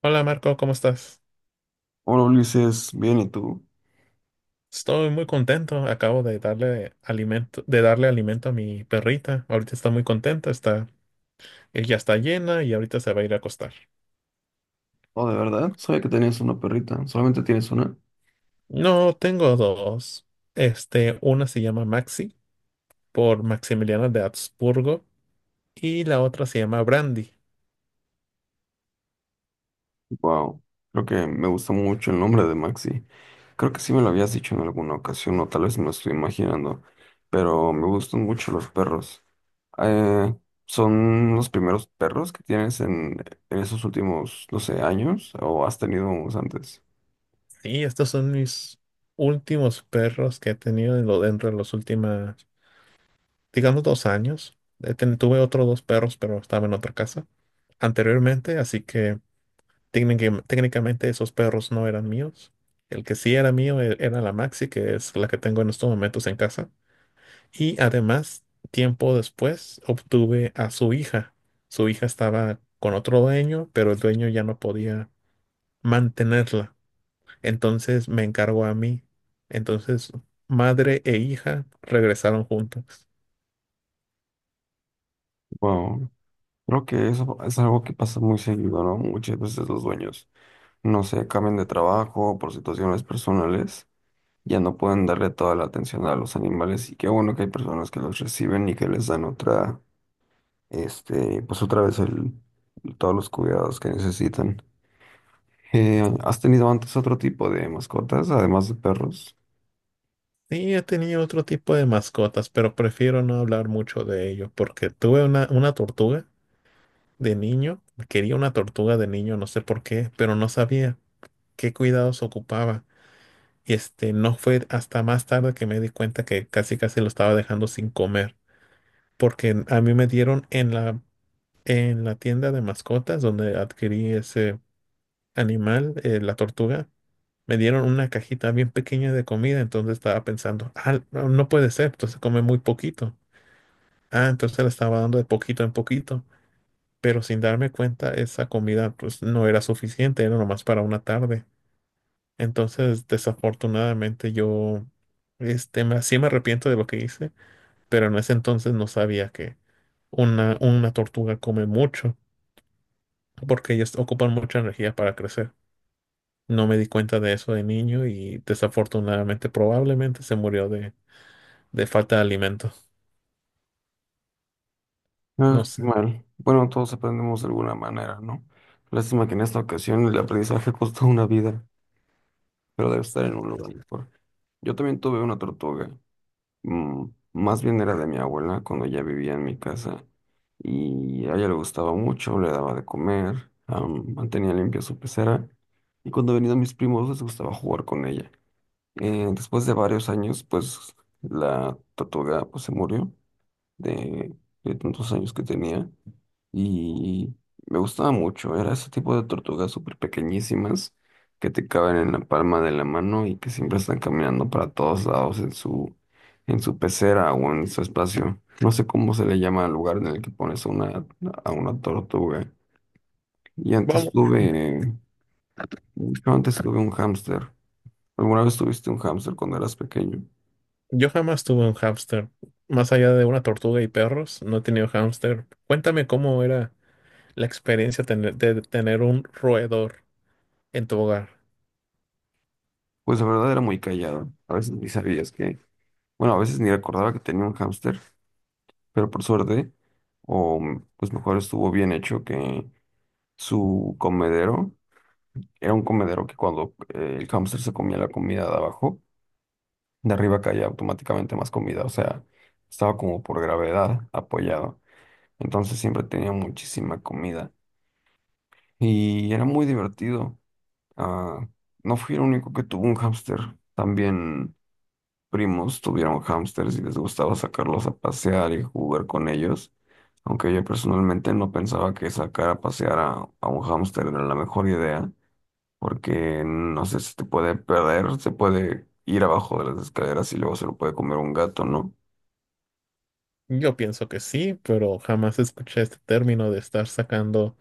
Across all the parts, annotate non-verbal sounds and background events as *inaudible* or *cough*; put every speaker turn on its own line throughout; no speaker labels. Hola Marco, ¿cómo estás?
Hola Ulises, bien, ¿y tú?
Estoy muy contento. Acabo de darle alimento a mi perrita. Ahorita está muy contenta, ella está llena y ahorita se va a ir a acostar.
Oh, de verdad, sabía que tenías una perrita, solamente tienes una.
No, tengo dos. Una se llama Maxi por Maximiliano de Habsburgo y la otra se llama Brandy.
Wow, creo que me gusta mucho el nombre de Maxi. Creo que sí me lo habías dicho en alguna ocasión, o tal vez me lo estoy imaginando, pero me gustan mucho los perros. Eh, ¿Son los primeros perros que tienes en esos últimos, no sé, años, o has tenido unos antes?
Sí, estos son mis últimos perros que he tenido dentro de los últimos, digamos, 2 años. Tuve otros 2 perros, pero estaba en otra casa anteriormente, así que técnicamente esos perros no eran míos. El que sí era mío era la Maxi, que es la que tengo en estos momentos en casa. Y además, tiempo después, obtuve a su hija. Su hija estaba con otro dueño, pero el dueño ya no podía mantenerla. Entonces me encargó a mí. Entonces, madre e hija regresaron juntas.
Wow, creo que eso es algo que pasa muy seguido, ¿no? Muchas veces los dueños, no sé, cambian de trabajo por situaciones personales, ya no pueden darle toda la atención a los animales, y qué bueno que hay personas que los reciben y que les dan otra, pues otra vez el, todos los cuidados que necesitan. ¿Has tenido antes otro tipo de mascotas, además de perros?
Sí, he tenido otro tipo de mascotas, pero prefiero no hablar mucho de ello porque tuve una tortuga. De niño, quería una tortuga de niño, no sé por qué, pero no sabía qué cuidados ocupaba. Y no fue hasta más tarde que me di cuenta que casi casi lo estaba dejando sin comer, porque a mí me dieron en la tienda de mascotas donde adquirí ese animal, la tortuga, me dieron una cajita bien pequeña de comida. Entonces estaba pensando, ah, no puede ser, entonces come muy poquito. Ah, entonces le estaba dando de poquito en poquito, pero sin darme cuenta esa comida pues no era suficiente, era nomás para una tarde. Entonces, desafortunadamente yo sí me arrepiento de lo que hice, pero en ese entonces no sabía que una tortuga come mucho, porque ellas ocupan mucha energía para crecer. No me di cuenta de eso de niño y desafortunadamente probablemente se murió de falta de alimento. No
Ah, qué
sé.
mal. Bueno, todos aprendemos de alguna manera, ¿no? Lástima que en esta ocasión el aprendizaje *laughs* costó una vida, pero debe estar en un lugar mejor. Yo también tuve una tortuga, mm, más bien era de mi abuela cuando ya vivía en mi casa y a ella le gustaba mucho, le daba de comer, mantenía limpia su pecera, y cuando venían mis primos les gustaba jugar con ella. Después de varios años, pues la tortuga, pues, se murió de, de, tantos años que tenía, y me gustaba mucho. Era ese tipo de tortugas súper pequeñísimas que te caben en la palma de la mano y que siempre están caminando para todos lados en su, pecera, o en su espacio. No sé cómo se le llama al lugar en el que pones a una tortuga. Y antes
Vamos,
tuve, yo antes tuve un hámster. ¿Alguna vez tuviste un hámster cuando eras pequeño?
yo jamás tuve un hámster. Más allá de una tortuga y perros, no he tenido hámster. Cuéntame cómo era la experiencia de tener un roedor en tu hogar.
Pues la verdad era muy callado. A veces ni sabías que, bueno, a veces ni recordaba que tenía un hámster. Pero por suerte, o pues, mejor estuvo bien hecho que su comedero era un comedero que, cuando el hámster se comía la comida de abajo, de arriba caía automáticamente más comida. O sea, estaba como por gravedad apoyado, entonces siempre tenía muchísima comida y era muy divertido. Ah, no fui el único que tuvo un hámster, también. Primos tuvieron hámsters y les gustaba sacarlos a pasear y jugar con ellos, aunque yo personalmente no pensaba que sacar a pasear a un hámster era la mejor idea, porque no sé, si te puede perder, se puede ir abajo de las escaleras y luego se lo puede comer un gato, ¿no?
Yo pienso que sí, pero jamás escuché este término de estar sacando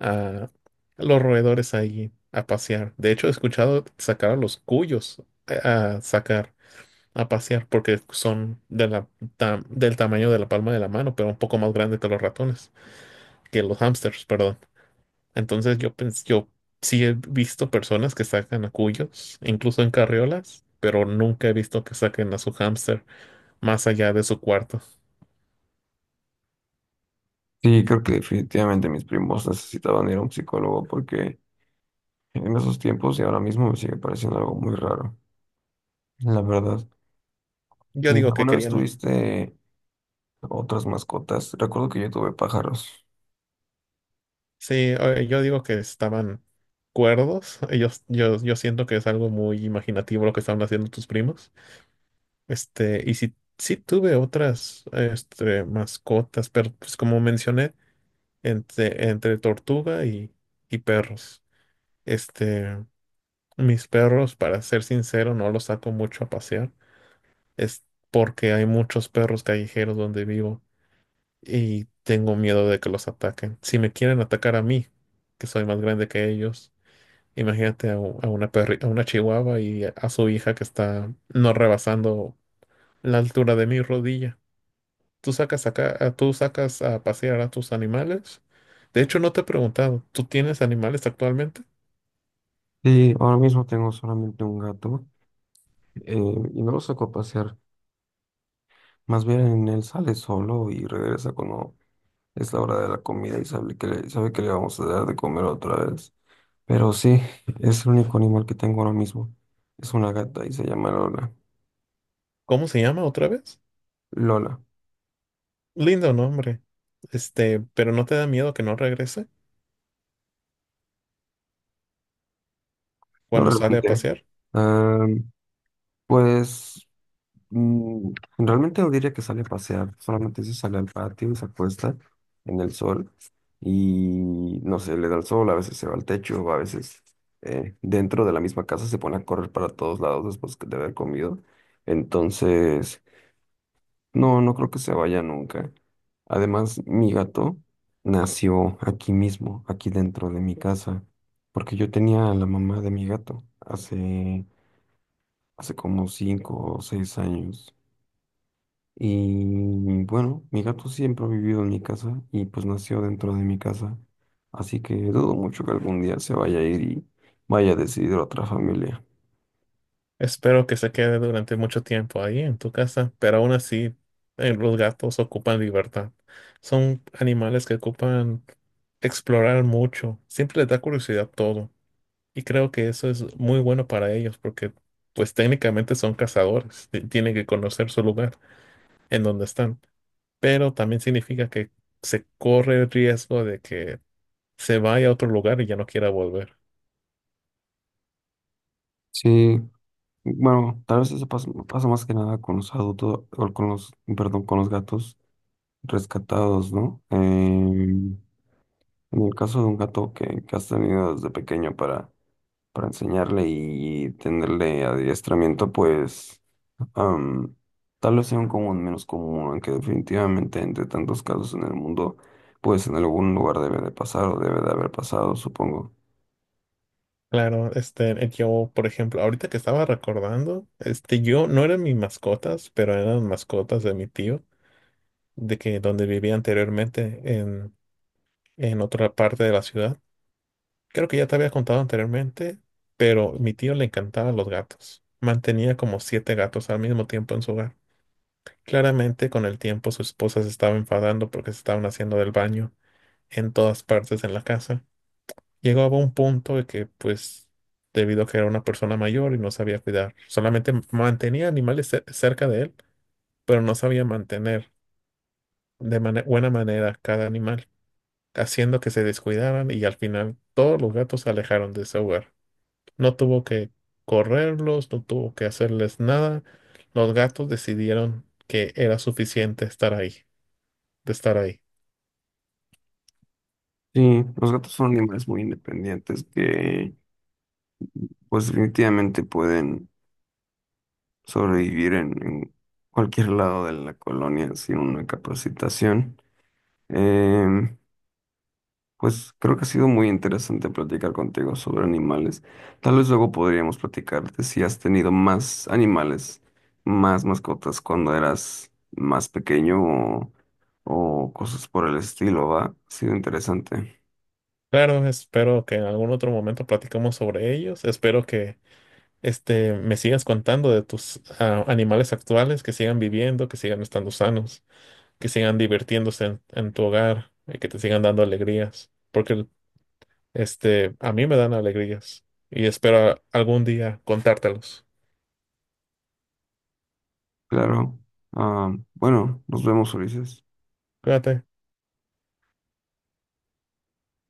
a los roedores ahí a pasear. De hecho, he escuchado sacar a los cuyos a sacar a pasear porque son del tamaño de la palma de la mano, pero un poco más grande que los ratones, que los hámsters, perdón. Entonces yo sí he visto personas que sacan a cuyos, incluso en carriolas, pero nunca he visto que saquen a su hámster más allá de su cuarto.
Sí, creo que definitivamente mis primos necesitaban ir a un psicólogo, porque en esos tiempos y ahora mismo me sigue pareciendo algo muy raro, la verdad.
Yo
¿Y
digo que
alguna vez
querían,
tuviste otras mascotas? Recuerdo que yo tuve pájaros.
sí, yo digo que estaban cuerdos. Yo siento que es algo muy imaginativo lo que estaban haciendo tus primos. Y si, sí tuve otras mascotas, pero pues como mencioné, entre tortuga y perros. Este, Mis perros, para ser sincero, no los saco mucho a pasear. Es porque hay muchos perros callejeros donde vivo y tengo miedo de que los ataquen. Si me quieren atacar a mí, que soy más grande que ellos, imagínate a, u- a una perri- a una chihuahua y a su hija, que está no rebasando la altura de mi rodilla. ¿Tú sacas a pasear a tus animales? De hecho, no te he preguntado, ¿tú tienes animales actualmente?
Sí, ahora mismo tengo solamente un gato, y no lo saco a pasear. Más bien él sale solo y regresa cuando es la hora de la comida, y sabe que le vamos a dar de comer otra vez. Pero sí, es el único animal que tengo ahora mismo. Es una gata y se llama Lola.
¿Cómo se llama otra vez?
Lola,
Lindo nombre. Pero ¿no te da miedo que no regrese
no
cuando sale a
realmente.
pasear?
Am, pues Mm, realmente no diría que sale a pasear, solamente se sale al patio y se acuesta en el sol, y no sé, le da el sol, a veces se va al techo, o a veces dentro de la misma casa se pone a correr para todos lados después de haber comido. Entonces, no, no creo que se vaya nunca. Además, mi gato nació aquí mismo, aquí dentro de mi casa, porque yo tenía a la mamá de mi gato hace, como 5 o 6 años. Y bueno, mi gato siempre ha vivido en mi casa y pues nació dentro de mi casa. Así que dudo mucho que algún día se vaya a ir y vaya a decidir otra familia.
Espero que se quede durante mucho tiempo ahí en tu casa, pero aún así, los gatos ocupan libertad. Son animales que ocupan explorar mucho. Siempre les da curiosidad todo. Y creo que eso es muy bueno para ellos porque, pues técnicamente son cazadores. Tienen que conocer su lugar en donde están. Pero también significa que se corre el riesgo de que se vaya a otro lugar y ya no quiera volver.
Sí, bueno, tal vez eso pasa, pasa más que nada con los adultos, o con los, perdón, con los gatos rescatados, ¿no? Em, en el caso de un gato que has tenido desde pequeño para, enseñarle y tenerle adiestramiento, pues... Am, tal vez sea un común menos común, aunque definitivamente entre tantos casos en el mundo, pues en algún lugar debe de pasar o debe de haber pasado, supongo.
Claro, yo, por ejemplo, ahorita que estaba recordando, yo, no eran mis mascotas, pero eran mascotas de mi tío, de que donde vivía anteriormente en otra parte de la ciudad. Creo que ya te había contado anteriormente, pero mi tío le encantaban los gatos. Mantenía como 7 gatos al mismo tiempo en su hogar. Claramente, con el tiempo, su esposa se estaba enfadando porque se estaban haciendo del baño en todas partes en la casa. Llegaba a un punto de que, pues, debido a que era una persona mayor y no sabía cuidar, solamente mantenía animales cerca de él, pero no sabía mantener de buena manera cada animal, haciendo que se descuidaran y al final todos los gatos se alejaron de ese hogar. No tuvo que correrlos, no tuvo que hacerles nada. Los gatos decidieron que era suficiente estar ahí.
Sí, los gatos son animales muy independientes que pues definitivamente pueden sobrevivir en, cualquier lado de la colonia sin una capacitación. Em, Pues creo que ha sido muy interesante platicar contigo sobre animales. Tal vez luego podríamos platicarte si has tenido más animales, más mascotas cuando eras más pequeño, o, cosas por el estilo, ¿va? Ha sido interesante.
Claro, espero que en algún otro momento platicamos sobre ellos. Espero que me sigas contando de tus animales actuales, que sigan viviendo, que sigan estando sanos, que sigan divirtiéndose en tu hogar y que te sigan dando alegrías, porque a mí me dan alegrías y espero algún día contártelos.
Claro. Ah, bueno, nos vemos, Ulises.
Cuídate.